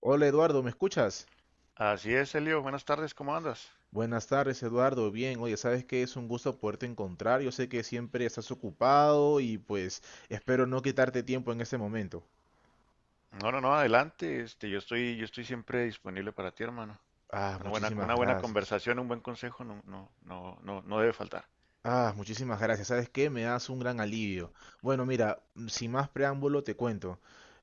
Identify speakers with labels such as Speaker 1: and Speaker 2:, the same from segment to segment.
Speaker 1: Hola Eduardo, ¿me escuchas?
Speaker 2: Así es, Elio. Buenas tardes, ¿cómo andas?
Speaker 1: Buenas tardes Eduardo, bien, oye, sabes que es un gusto poderte encontrar, yo sé que siempre estás ocupado y pues espero no quitarte tiempo en este momento.
Speaker 2: No, no, no, adelante. Yo estoy siempre disponible para ti, hermano.
Speaker 1: Ah,
Speaker 2: Una buena,
Speaker 1: muchísimas
Speaker 2: una buena
Speaker 1: gracias.
Speaker 2: conversación, un buen consejo, no, no, no, no, no debe faltar.
Speaker 1: Ah, muchísimas gracias, ¿sabes qué? Me das un gran alivio. Bueno, mira, sin más preámbulo te cuento.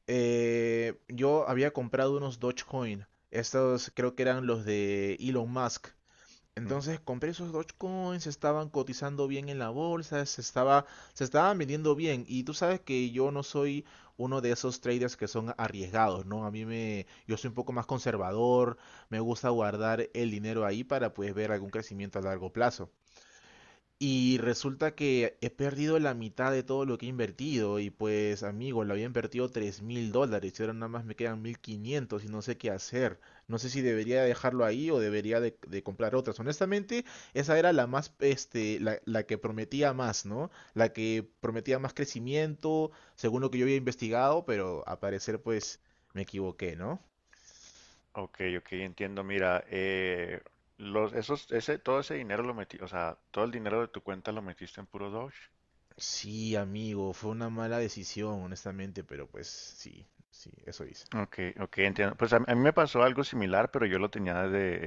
Speaker 1: Yo había comprado unos Dogecoin, estos creo que eran los de Elon Musk.
Speaker 2: Ujú.
Speaker 1: Entonces compré esos Dogecoins, se estaban cotizando bien en la bolsa, se estaban vendiendo bien. Y tú sabes que yo no soy uno de esos traders que son arriesgados, ¿no? Yo soy un poco más conservador, me gusta guardar el dinero ahí para pues ver algún crecimiento a largo plazo. Y resulta que he perdido la mitad de todo lo que he invertido y pues amigo, lo había invertido 3 mil dólares y ahora nada más me quedan 1500 y no sé qué hacer. No sé si debería dejarlo ahí o debería de comprar otras. Honestamente, esa era la más, este, la que prometía más, ¿no? La que prometía más crecimiento, según lo que yo había investigado, pero a parecer pues me equivoqué, ¿no?
Speaker 2: Ok, ok, entiendo. Mira, todo ese dinero lo metí, o sea, todo el dinero de tu cuenta lo metiste en puro Doge.
Speaker 1: Sí, amigo, fue una mala decisión, honestamente, pero pues sí, eso hice.
Speaker 2: Ok, ok, entiendo. Pues a mí me pasó algo similar, pero yo lo tenía de,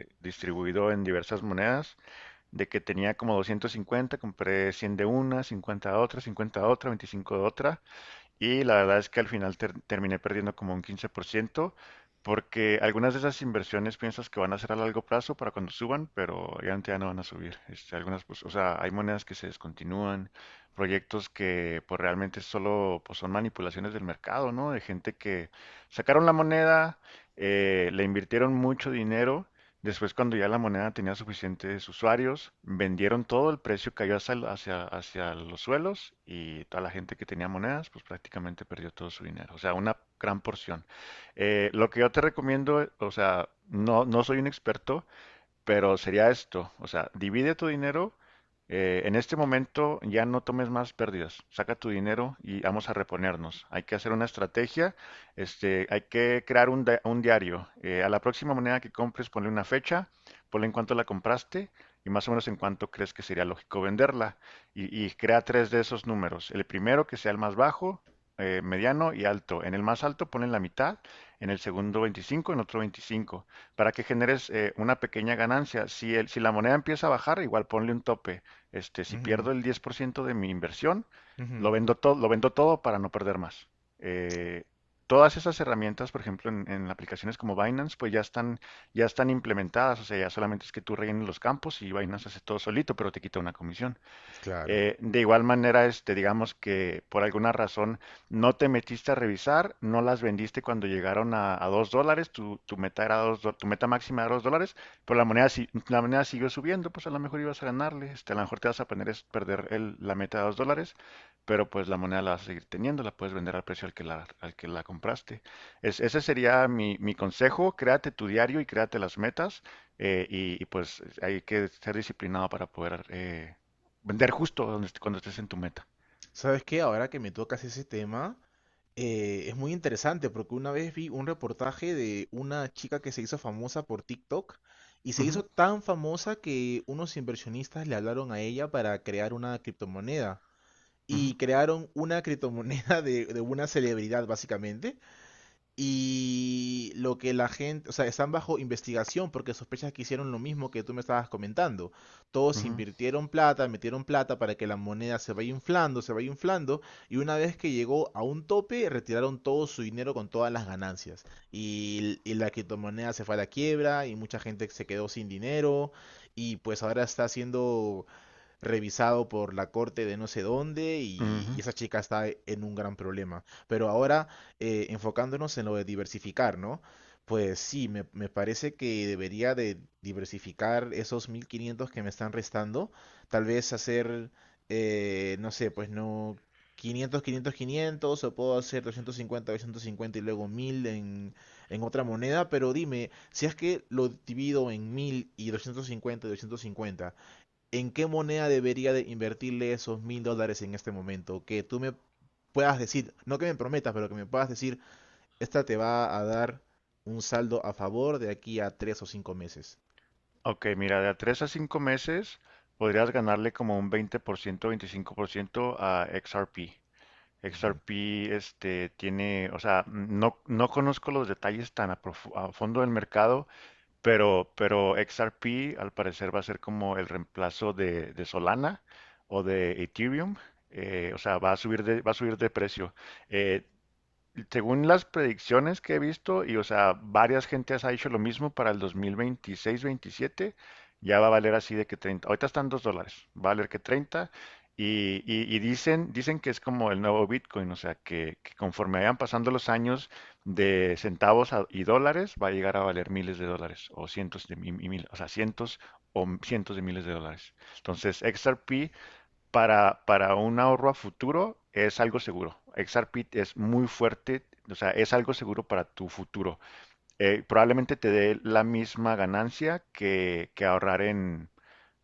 Speaker 2: eh, distribuido en diversas monedas. De que tenía como 250, compré 100 de una, 50 de otra, 50 de otra, 25 de otra, y la verdad es que al final terminé perdiendo como un 15%, porque algunas de esas inversiones piensas que van a ser a largo plazo para cuando suban, pero obviamente ya no van a subir. Pues, o sea, hay monedas que se descontinúan, proyectos que pues realmente solo pues, son manipulaciones del mercado, ¿no? De gente que sacaron la moneda, le invirtieron mucho dinero. Después, cuando ya la moneda tenía suficientes usuarios, vendieron todo, el precio cayó hacia los suelos, y toda la gente que tenía monedas, pues prácticamente perdió todo su dinero. O sea, una gran porción. Lo que yo te recomiendo, o sea, no, no soy un experto, pero sería esto. O sea, divide tu dinero, en este momento ya no tomes más pérdidas, saca tu dinero y vamos a reponernos. Hay que hacer una estrategia, hay que crear un diario. A la próxima moneda que compres, ponle una fecha, ponle en cuánto la compraste y más o menos en cuánto crees que sería lógico venderla. Y crea tres de esos números. El primero que sea el más bajo, mediano y alto. En el más alto ponle la mitad, en el segundo 25, en otro 25 para que generes una pequeña ganancia. Si la moneda empieza a bajar, igual ponle un tope. Si
Speaker 1: Ujú,
Speaker 2: pierdo el 10% de mi inversión,
Speaker 1: ujú.
Speaker 2: lo vendo todo para no perder más. Eh, todas esas herramientas, por ejemplo, en aplicaciones como Binance, pues ya están implementadas. O sea, ya solamente es que tú rellenes los campos y Binance hace todo solito, pero te quita una comisión.
Speaker 1: Claro.
Speaker 2: De igual manera, digamos que por alguna razón no te metiste a revisar, no las vendiste cuando llegaron a $2, tu meta máxima era $2, pero la moneda, si- la moneda siguió subiendo. Pues a lo mejor ibas a ganarle, a lo mejor te vas a poner es perder la meta de $2, pero pues la moneda la vas a seguir teniendo, la puedes vender al precio al que la compraste. Ese sería mi consejo. Créate tu diario y créate las metas, pues hay que ser disciplinado para poder vender justo donde cuando estés en tu meta.
Speaker 1: ¿Sabes qué? Ahora que me tocas ese tema, es muy interesante porque una vez vi un reportaje de una chica que se hizo famosa por TikTok y se hizo
Speaker 2: Ujú,
Speaker 1: tan famosa que unos inversionistas le hablaron a ella para crear una criptomoneda
Speaker 2: ujú,
Speaker 1: y crearon una criptomoneda de una celebridad básicamente. Y lo que la gente, o sea, están bajo investigación porque sospechas que hicieron lo mismo que tú me estabas comentando. Todos
Speaker 2: ujú,
Speaker 1: invirtieron plata, metieron plata para que la moneda se vaya inflando, y una vez que llegó a un tope, retiraron todo su dinero con todas las ganancias. Y la criptomoneda se fue a la quiebra, y mucha gente se quedó sin dinero, y pues ahora está siendo revisado por la corte de no sé dónde y
Speaker 2: ujú.
Speaker 1: esa chica está e, en un gran problema. Pero ahora, enfocándonos en lo de diversificar, ¿no? Pues sí, me parece que debería de diversificar esos 1500 que me están restando. Tal vez hacer, no sé, pues no 500, 500, 500. O puedo hacer doscientos cincuenta y luego 1000 en otra moneda. Pero dime, si es que lo divido en 1000 y doscientos cincuenta en qué moneda debería de invertirle esos mil dólares en este momento. Que tú me puedas decir, no que me prometas, pero que me puedas decir, esta te va a dar un saldo a favor de aquí a tres o cinco meses.
Speaker 2: Ok, mira, de a 3 a 5 meses podrías ganarle como un 20%, 25% a XRP.
Speaker 1: Ujú.
Speaker 2: XRP o sea, no, no conozco los detalles tan a fondo del mercado, pero XRP al parecer va a ser como el reemplazo de Solana o de Ethereum. O sea, va a subir de precio. Eh, Según las predicciones que he visto, y o sea, varias gentes ha hecho lo mismo para el 2026-27, ya va a valer así de que 30. Ahorita están $2, va a valer que 30. Y dicen que es como el nuevo Bitcoin. O sea, que conforme vayan pasando los años de centavos y dólares, va a llegar a valer miles de dólares, o cientos de y mil, o sea, cientos o cientos de miles de dólares. Entonces, XRP para un ahorro a futuro es algo seguro. XRP es muy fuerte, o sea, es algo seguro para tu futuro. Probablemente te dé la misma ganancia que ahorrar en,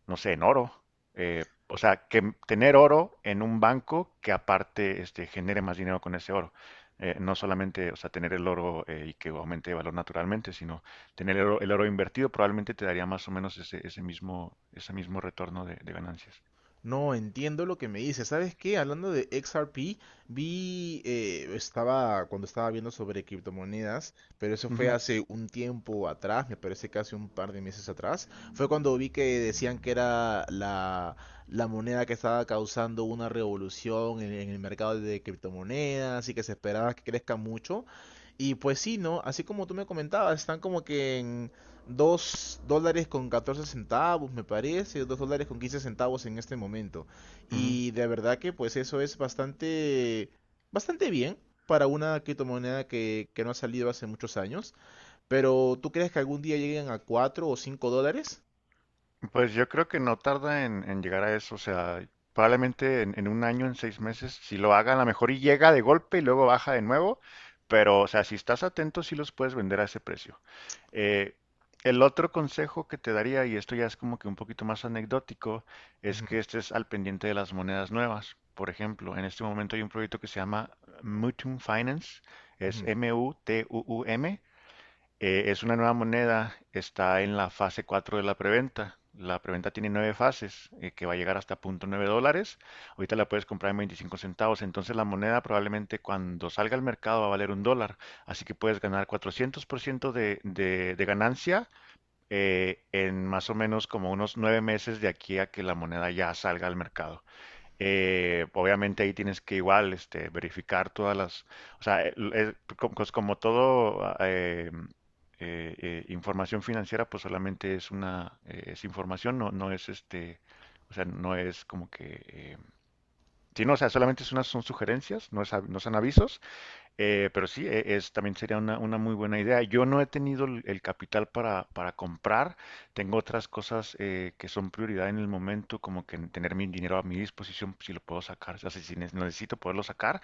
Speaker 2: no sé, en oro. O sea, que tener oro en un banco que aparte genere más dinero con ese oro. No solamente, o sea, tener el oro y que aumente de valor naturalmente, sino tener el oro invertido probablemente te daría más o menos ese mismo retorno de ganancias.
Speaker 1: No, entiendo lo que me dices. ¿Sabes qué? Hablando de XRP, vi, estaba, cuando estaba viendo sobre criptomonedas, pero eso fue
Speaker 2: Ujú,
Speaker 1: hace un tiempo atrás, me parece que hace un par de meses atrás, fue cuando vi que decían que era la, la moneda que estaba causando una revolución en el mercado de criptomonedas y que se esperaba que crezca mucho. Y pues sí, ¿no? Así como tú me comentabas, están como que en, 2 dólares con 14 centavos, me parece, 2 dólares con 15 centavos en este momento.
Speaker 2: ujú.
Speaker 1: Y de verdad que pues eso es bastante, bastante bien para una criptomoneda que no ha salido hace muchos años. Pero ¿tú crees que algún día lleguen a 4 o 5 dólares?
Speaker 2: Pues yo creo que no tarda en llegar a eso, o sea, probablemente en un año, en 6 meses, si lo hagan, a lo mejor y llega de golpe y luego baja de nuevo, pero o sea, si estás atento, sí los puedes vender a ese precio. Eh, el otro consejo que te daría, y esto ya es como que un poquito más anecdótico, es
Speaker 1: Ujú,
Speaker 2: que estés al pendiente de las monedas nuevas. Por ejemplo, en este momento hay un proyecto que se llama Mutum Finance, es
Speaker 1: ujú,
Speaker 2: Mutuum, es una nueva moneda, está en la fase 4 de la preventa. La preventa tiene nueve fases, que va a llegar hasta $0.9. Ahorita la puedes comprar en 25 centavos. Entonces la moneda probablemente cuando salga al mercado va a valer $1. Así que puedes ganar 400% de ganancia en más o menos como unos 9 meses de aquí a que la moneda ya salga al mercado. Obviamente ahí tienes que igual verificar todas las, o sea, pues como todo información financiera. Pues solamente es una, es información. No, no es o sea, no es como que, sí, no, o sea, solamente son sugerencias, no son avisos, pero sí, también sería una muy buena idea. Yo no he tenido el capital para comprar. Tengo otras cosas que son prioridad en el momento, como que tener mi dinero a mi disposición, si lo puedo sacar, o sea, si necesito poderlo sacar.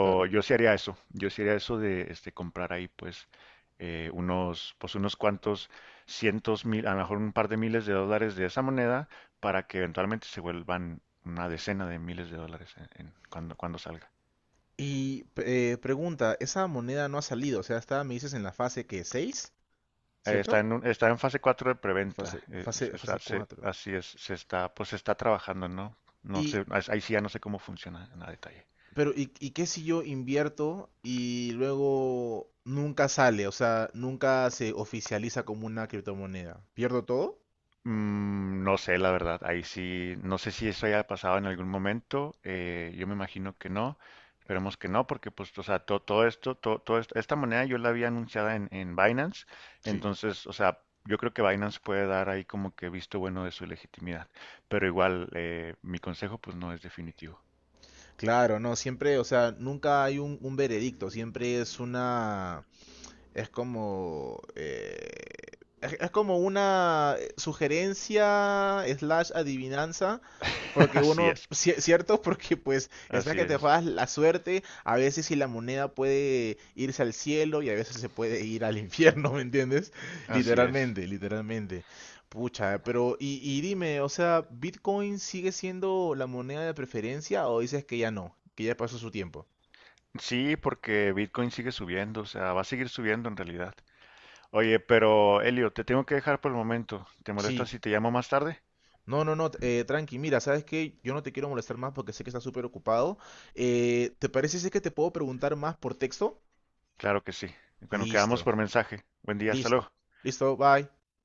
Speaker 1: claro.
Speaker 2: yo sí haría eso. Yo sí haría eso de comprar ahí, pues, pues, unos cuantos cientos mil, a lo mejor un par de miles de dólares de esa moneda, para que eventualmente se vuelvan una decena de miles de dólares cuando salga.
Speaker 1: Y pregunta, esa moneda no ha salido, o sea, está, me dices, en la fase que seis,
Speaker 2: Eh, Está
Speaker 1: ¿cierto?
Speaker 2: en, un- está en fase 4 de preventa.
Speaker 1: Fase, fase, fase 4.
Speaker 2: Así es, se está, pues se está trabajando, ¿no? No sé, ahí sí ya no sé cómo funciona en a detalle.
Speaker 1: Pero, ¿y qué si yo invierto y luego nunca sale? O sea, nunca se oficializa como una criptomoneda. ¿Pierdo todo?
Speaker 2: No sé, la verdad. Ahí sí, no sé si eso haya pasado en algún momento. Yo me imagino que no. Esperemos que no, porque pues, o sea, esta moneda yo la había anunciada en Binance.
Speaker 1: Sí.
Speaker 2: Entonces, o sea, yo creo que Binance puede dar ahí como que visto bueno de su legitimidad. Pero igual, mi consejo pues no es definitivo.
Speaker 1: Claro, no, siempre, o sea, nunca hay un veredicto, siempre es una, es como, eh, es como una sugerencia slash adivinanza. Porque
Speaker 2: Así
Speaker 1: uno,
Speaker 2: es.
Speaker 1: cierto, porque pues está
Speaker 2: Así
Speaker 1: que te
Speaker 2: es,
Speaker 1: juegas la suerte, a veces si la moneda puede irse al cielo y a veces se puede ir al infierno, ¿me entiendes?
Speaker 2: así es.
Speaker 1: Literalmente, literalmente. Pucha, pero y dime, o sea, ¿Bitcoin sigue siendo la moneda de preferencia o dices que ya no, que ya pasó su tiempo?
Speaker 2: Sí, porque Bitcoin sigue subiendo, o sea, va a seguir subiendo en realidad. Oye, pero Elio, te tengo que dejar por el momento. ¿Te molesta
Speaker 1: Sí.
Speaker 2: si te llamo más tarde?
Speaker 1: No, tranqui, mira, ¿sabes qué? Yo no te quiero molestar más porque sé que estás súper ocupado. ¿Te parece si es que te puedo preguntar más por texto?
Speaker 2: Claro que sí. Bueno,
Speaker 1: Listo,
Speaker 2: quedamos por mensaje. Buen día, hasta
Speaker 1: listo,
Speaker 2: luego.
Speaker 1: listo, bye.